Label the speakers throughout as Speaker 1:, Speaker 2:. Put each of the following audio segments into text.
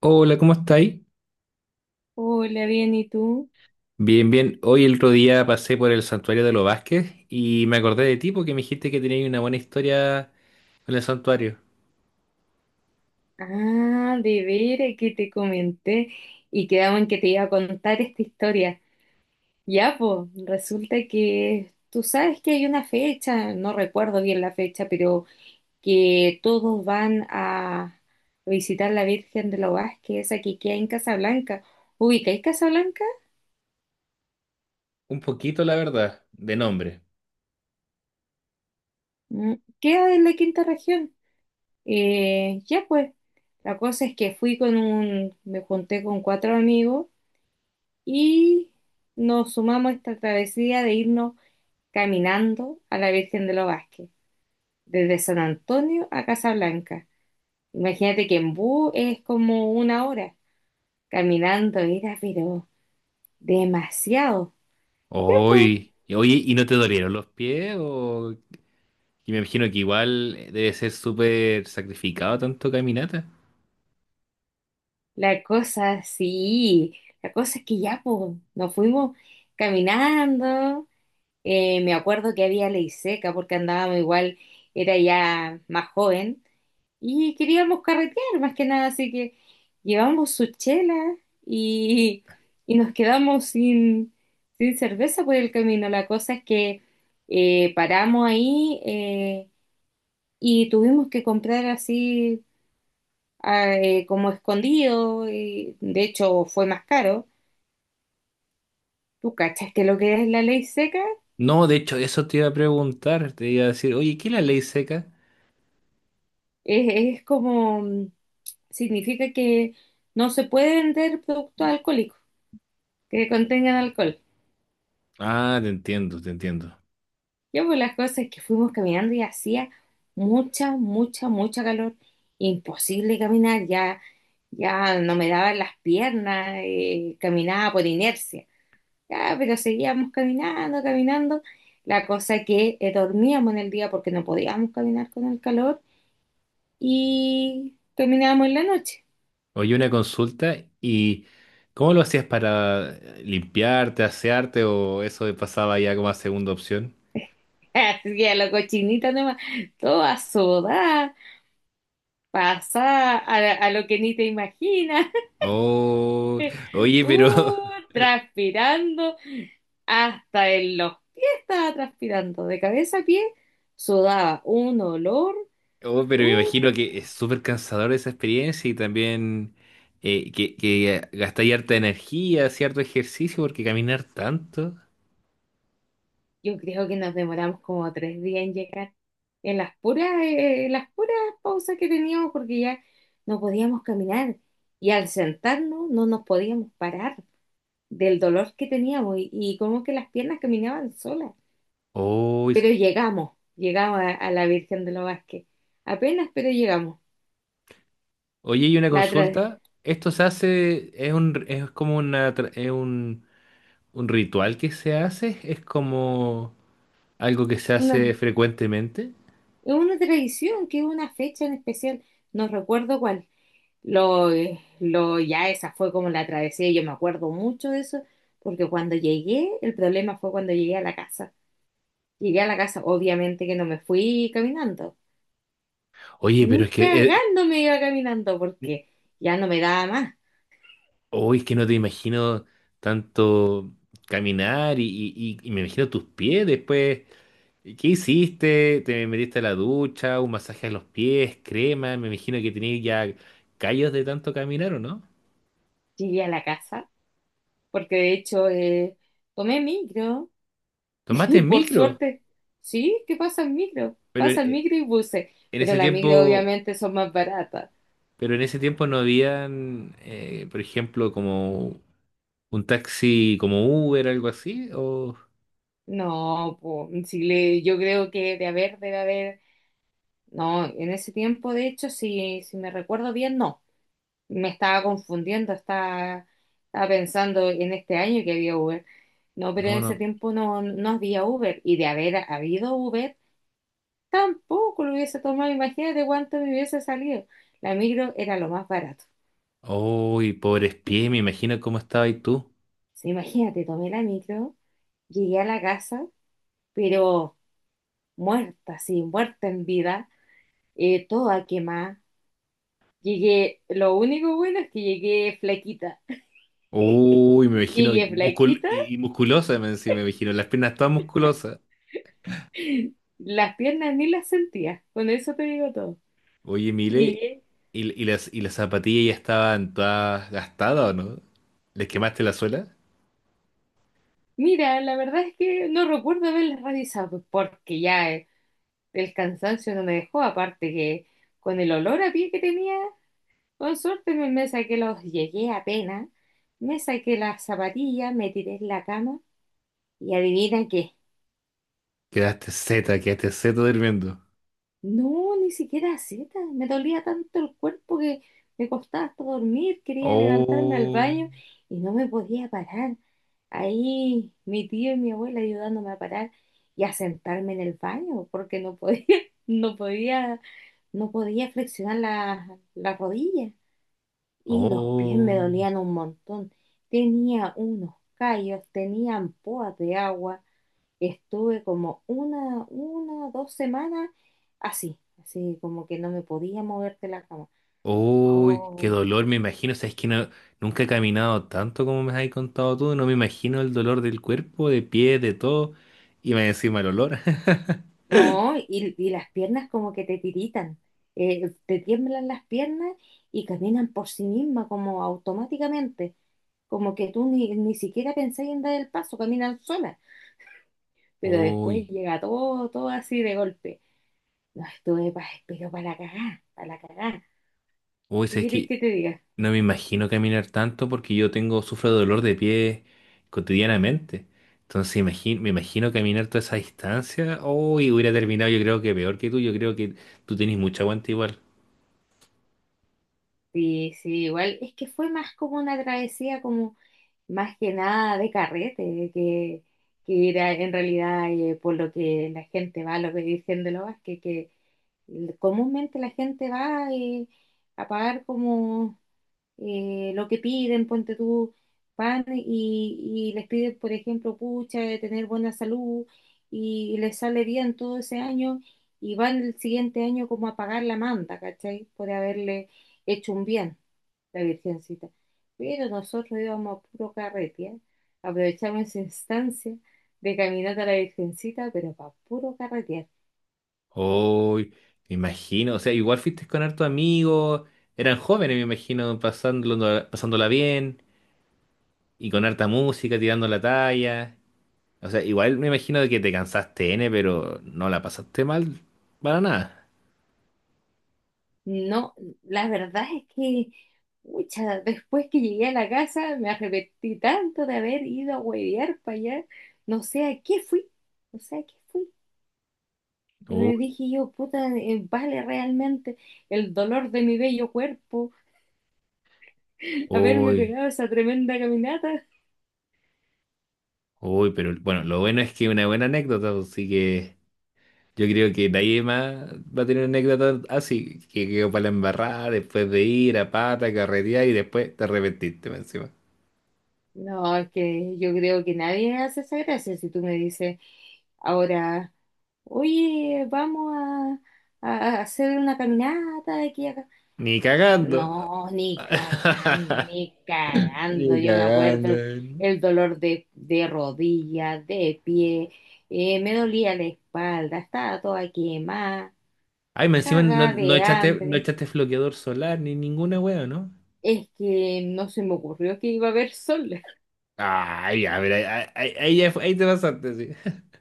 Speaker 1: Hola, ¿cómo estáis?
Speaker 2: Hola, bien, ¿y tú?
Speaker 1: Bien, bien. Hoy el otro día pasé por el santuario de los Vázquez y me acordé de ti porque me dijiste que tenías una buena historia con el santuario.
Speaker 2: Ah, de veras que te comenté y quedamos en que te iba a contar esta historia. Ya, pues, resulta que tú sabes que hay una fecha, no recuerdo bien la fecha, pero que todos van a visitar la Virgen de los Vázquez, esa que queda en Casablanca. ¿Ubicáis Casablanca?
Speaker 1: Un poquito, la verdad, de nombre.
Speaker 2: Mm. Queda en la quinta región. Ya, pues, la cosa es que me junté con cuatro amigos y nos sumamos a esta travesía de irnos caminando a la Virgen de los Vázquez, desde San Antonio a Casablanca. Imagínate que en bus es como una hora caminando, era pero demasiado. Ya, po.
Speaker 1: Hoy, oye, ¿y no te dolieron los pies? O... Y me imagino que igual debe ser súper sacrificado tanto caminata.
Speaker 2: La cosa, sí, la cosa es que ya, po, nos fuimos caminando. Me acuerdo que había ley seca porque andábamos igual, era ya más joven y queríamos carretear más que nada, así que llevamos su chela y, y nos quedamos sin cerveza por el camino. La cosa es que paramos ahí, y tuvimos que comprar así, como escondido, y de hecho fue más caro. ¿Tú cachas que lo que es la ley seca?
Speaker 1: No, de hecho, eso te iba a preguntar. Te iba a decir, oye, ¿qué es la ley seca?
Speaker 2: Es como, significa que no se puede vender productos alcohólicos que contengan alcohol.
Speaker 1: Ah, te entiendo, te entiendo.
Speaker 2: Ya pues las cosas es que fuimos caminando y hacía mucha, mucha, mucha calor. Imposible caminar, ya no me daban las piernas, caminaba por inercia. Ya, pero seguíamos caminando, caminando. La cosa que dormíamos en el día porque no podíamos caminar con el calor y caminábamos en la noche.
Speaker 1: Oye, una consulta, ¿y cómo lo hacías para limpiarte, asearte o eso de pasaba ya como a segunda opción?
Speaker 2: Así que a la cochinita nomás, toda sudada, Pasa a lo que ni te imaginas,
Speaker 1: Oh, oye, pero,
Speaker 2: uh, transpirando hasta en los pies estaba transpirando, de cabeza a pie sudaba un olor,
Speaker 1: oh, pero me
Speaker 2: uh,
Speaker 1: imagino que es súper cansador esa experiencia y también que gastáis harta energía, cierto ejercicio, porque caminar tanto.
Speaker 2: yo creo que nos demoramos como 3 días en llegar, en las puras pausas que teníamos porque ya no podíamos caminar y al sentarnos no nos podíamos parar del dolor que teníamos y como que las piernas caminaban solas.
Speaker 1: Oh, es-
Speaker 2: Pero llegamos, llegamos a la Virgen de los Vázquez. Apenas, pero llegamos.
Speaker 1: oye, y una
Speaker 2: La tra-
Speaker 1: consulta, ¿esto se hace, es un, es como una, tra- es un ritual que se hace? ¿Es como... algo que se hace
Speaker 2: una,
Speaker 1: frecuentemente?
Speaker 2: es una tradición que es una fecha en especial, no recuerdo cuál. Ya esa fue como la travesía, yo me acuerdo mucho de eso, porque cuando llegué, el problema fue cuando llegué a la casa. Llegué a la casa, obviamente que no me fui caminando,
Speaker 1: Oye, pero es
Speaker 2: ni
Speaker 1: que,
Speaker 2: cagando me iba caminando,
Speaker 1: eh,
Speaker 2: porque ya no me daba más.
Speaker 1: hoy es que no te imagino tanto caminar y, y me imagino tus pies después. ¿Qué hiciste? ¿Te metiste a la ducha? ¿Un masaje a los pies? ¿Crema? Me imagino que tenías ya callos de tanto caminar, ¿o no?
Speaker 2: Llegué a la casa, porque de hecho tomé micro.
Speaker 1: ¿Tomaste el
Speaker 2: Por
Speaker 1: micro?
Speaker 2: suerte, sí, ¿qué pasa el micro?
Speaker 1: Pero
Speaker 2: Pasa el micro y buses,
Speaker 1: en
Speaker 2: pero
Speaker 1: ese
Speaker 2: las micro
Speaker 1: tiempo,
Speaker 2: obviamente son más baratas.
Speaker 1: pero en ese tiempo no habían, por ejemplo, como un taxi como Uber, algo así, o...
Speaker 2: No, po, si le, yo creo que de haber, debe haber, no, en ese tiempo, de hecho, si me recuerdo bien, no, me estaba confundiendo, estaba pensando en este año que había Uber, no, pero en
Speaker 1: No,
Speaker 2: ese
Speaker 1: no.
Speaker 2: tiempo no, no había Uber, y de haber habido Uber, tampoco lo hubiese tomado, imagínate cuánto me hubiese salido, la micro era lo más barato.
Speaker 1: Uy, pobres pies, me imagino cómo estaba ahí tú.
Speaker 2: Sí, imagínate, tomé la micro. Llegué a la casa, pero muerta, sí, muerta en vida, toda quemada. Llegué, lo único bueno es que llegué flaquita.
Speaker 1: Uy, me imagino
Speaker 2: Llegué
Speaker 1: muscul
Speaker 2: flaquita,
Speaker 1: y musculosa, me encima, me imagino, las piernas todas musculosas.
Speaker 2: las piernas ni las sentía. Con eso te digo todo.
Speaker 1: Oye, Mile,
Speaker 2: Llegué.
Speaker 1: y las zapatillas ya estaban todas gastadas o no? ¿Les quemaste la suela?
Speaker 2: Mira, la verdad es que no recuerdo haberlas revisado porque ya, el cansancio no me dejó. Aparte que con el olor a pie que tenía, con suerte me saqué los. Llegué apenas, me saqué las zapatillas, me tiré en la cama. Y adivina qué.
Speaker 1: Quedaste zeta durmiendo.
Speaker 2: No, ni siquiera Z. Me dolía tanto el cuerpo que me costaba hasta dormir. Quería levantarme al
Speaker 1: Oh,
Speaker 2: baño y no me podía parar. Ahí mi tío y mi abuela ayudándome a parar y a sentarme en el baño porque no podía, no podía, no podía flexionar la rodilla. Y los pies me
Speaker 1: oh.
Speaker 2: dolían un montón. Tenía unos callos, tenía ampoas de agua. Estuve como 2 semanas así, así como que no me podía mover de la cama.
Speaker 1: Uy, qué
Speaker 2: Oh,
Speaker 1: dolor, me imagino. Sabes que no, nunca he caminado tanto como me has contado tú. No me imagino el dolor del cuerpo, de pie, de todo. Y me encima el olor.
Speaker 2: no, y las piernas como que te tiritan, te tiemblan las piernas y caminan por sí mismas como automáticamente, como que tú ni siquiera pensás en dar el paso, caminan solas, pero después
Speaker 1: Uy,
Speaker 2: llega todo, todo así de golpe. No, estuve pero para la cagá, para la cagá.
Speaker 1: uy,
Speaker 2: ¿Qué
Speaker 1: sabes
Speaker 2: querés
Speaker 1: que
Speaker 2: que te diga?
Speaker 1: no me imagino caminar tanto porque yo tengo, sufro de dolor de pie cotidianamente. Entonces imagi- me imagino caminar toda esa distancia. Uy, hubiera terminado yo creo que peor que tú. Yo creo que tú tenés mucho aguante igual.
Speaker 2: Sí, sí, igual es que fue más como una travesía, como más que nada de carrete, que en realidad, por lo que la gente va, lo que dicen de los que comúnmente la gente va, a pagar como, lo que piden, ponte tú, van y les piden, por ejemplo, pucha, de tener buena salud y, les sale bien todo ese año y van el siguiente año como a pagar la manta, ¿cachai? Por haberle hecho un bien la Virgencita. Pero nosotros íbamos a puro carretear, aprovechamos esa instancia de caminata a la Virgencita, pero para puro carretear.
Speaker 1: Uy, me imagino, o sea, igual fuiste con harto amigos, eran jóvenes, me imagino, pasándolo, pasándola bien y con harta música, tirando la talla. O sea, igual me imagino de que te cansaste N, pero no la pasaste mal para nada.
Speaker 2: No, la verdad es que, pucha, después que llegué a la casa me arrepentí tanto de haber ido a huevear para allá. No sé a qué fui, no sé a qué fui.
Speaker 1: Uy,
Speaker 2: Me dije yo, puta, vale realmente el dolor de mi bello cuerpo haberme
Speaker 1: uy,
Speaker 2: pegado esa tremenda caminata.
Speaker 1: uy, pero bueno, lo bueno es que es una buena anécdota, así que yo creo que nadie más va a tener anécdota así, que quedó para la embarrada después de ir a pata, carretear y después te arrepentiste más encima.
Speaker 2: No, es que yo creo que nadie hace esa gracia. Si tú me dices ahora, oye, vamos a hacer una caminata de aquí a acá.
Speaker 1: Ni cagando.
Speaker 2: No, ni cagando, ni cagando.
Speaker 1: Ni
Speaker 2: Yo me acuerdo
Speaker 1: cagando.
Speaker 2: el, el dolor de rodilla, de pie, me dolía la espalda, estaba toda quemada,
Speaker 1: Ay, me encima no,
Speaker 2: cagada
Speaker 1: no
Speaker 2: de
Speaker 1: echaste, no
Speaker 2: hambre.
Speaker 1: echaste bloqueador solar ni ninguna wea, ¿no?
Speaker 2: Es que no se me ocurrió que iba a haber sol.
Speaker 1: Ay, a ver, ahí, ahí, ahí te pasaste, sí.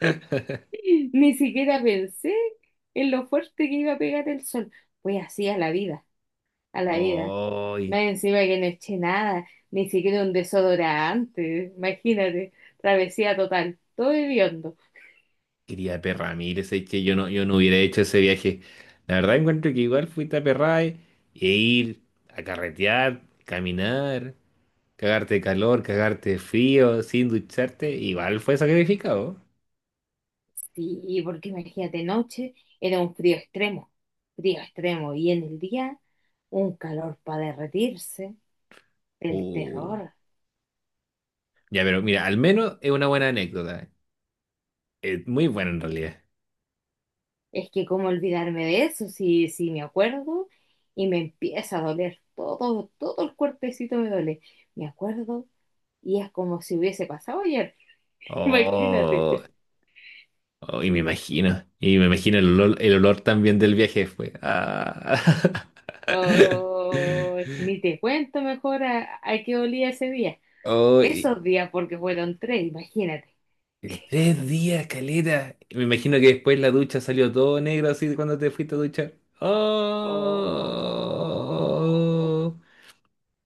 Speaker 2: Ni siquiera pensé en lo fuerte que iba a pegar el sol. Pues así a la vida, a la vida. Más
Speaker 1: Ay,
Speaker 2: encima que no eché nada, ni siquiera un desodorante. Imagínate, travesía total, todo hediondo.
Speaker 1: quería perra, mire, es que yo no, yo no hubiera hecho ese viaje. La verdad encuentro que igual fuiste a Perray e ir a carretear, caminar, cagarte de calor, cagarte de frío, sin ducharte, igual fue sacrificado.
Speaker 2: Sí, porque imagínate, noche era un frío extremo, frío extremo. Y en el día, un calor para derretirse, el
Speaker 1: Uh.
Speaker 2: terror.
Speaker 1: Ya, pero mira, al menos es una buena anécdota. Es muy bueno en realidad.
Speaker 2: Es que cómo olvidarme de eso, si me acuerdo y me empieza a doler, todo, todo el cuerpecito me duele. Me acuerdo y es como si hubiese pasado ayer,
Speaker 1: Oh,
Speaker 2: imagínate.
Speaker 1: oh, y me imagino. Y me imagino el olor también del viaje fue. Ah.
Speaker 2: Oh, ni te cuento mejor a qué olía ese día.
Speaker 1: Oh, y-
Speaker 2: Esos días, porque fueron tres, imagínate.
Speaker 1: y 3 días, caleta. Y me imagino que después la ducha salió todo negro así de cuando te fuiste a duchar.
Speaker 2: Oh,
Speaker 1: Oh.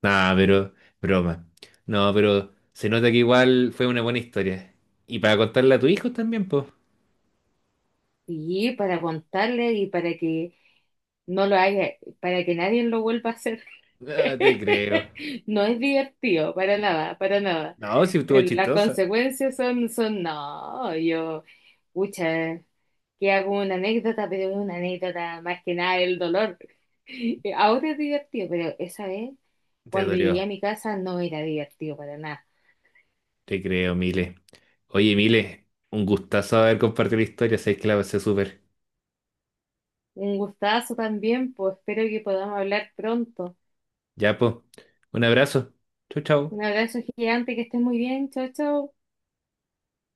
Speaker 1: Nah, pero broma. No, pero se nota que igual fue una buena historia. Y para contarla a tu hijo también, pues.
Speaker 2: y para contarle y para que no lo haga, para que nadie lo vuelva a hacer.
Speaker 1: Ah, te creo.
Speaker 2: No es divertido, para nada, para nada.
Speaker 1: No, si estuvo
Speaker 2: Las
Speaker 1: chistosa.
Speaker 2: consecuencias son, no, yo, pucha, que hago una anécdota, pero es una anécdota más que nada el dolor. Ahora es divertido, pero esa vez,
Speaker 1: Te
Speaker 2: cuando llegué
Speaker 1: dolió.
Speaker 2: a mi casa, no era divertido para nada.
Speaker 1: Te creo, Mile. Oye, Mile, un gustazo haber compartido la historia. Sabéis que la pasé súper.
Speaker 2: Un gustazo también, pues espero que podamos hablar pronto.
Speaker 1: Ya, po. Un abrazo. Chau, chau.
Speaker 2: Un abrazo gigante, que estés muy bien, chao, chao.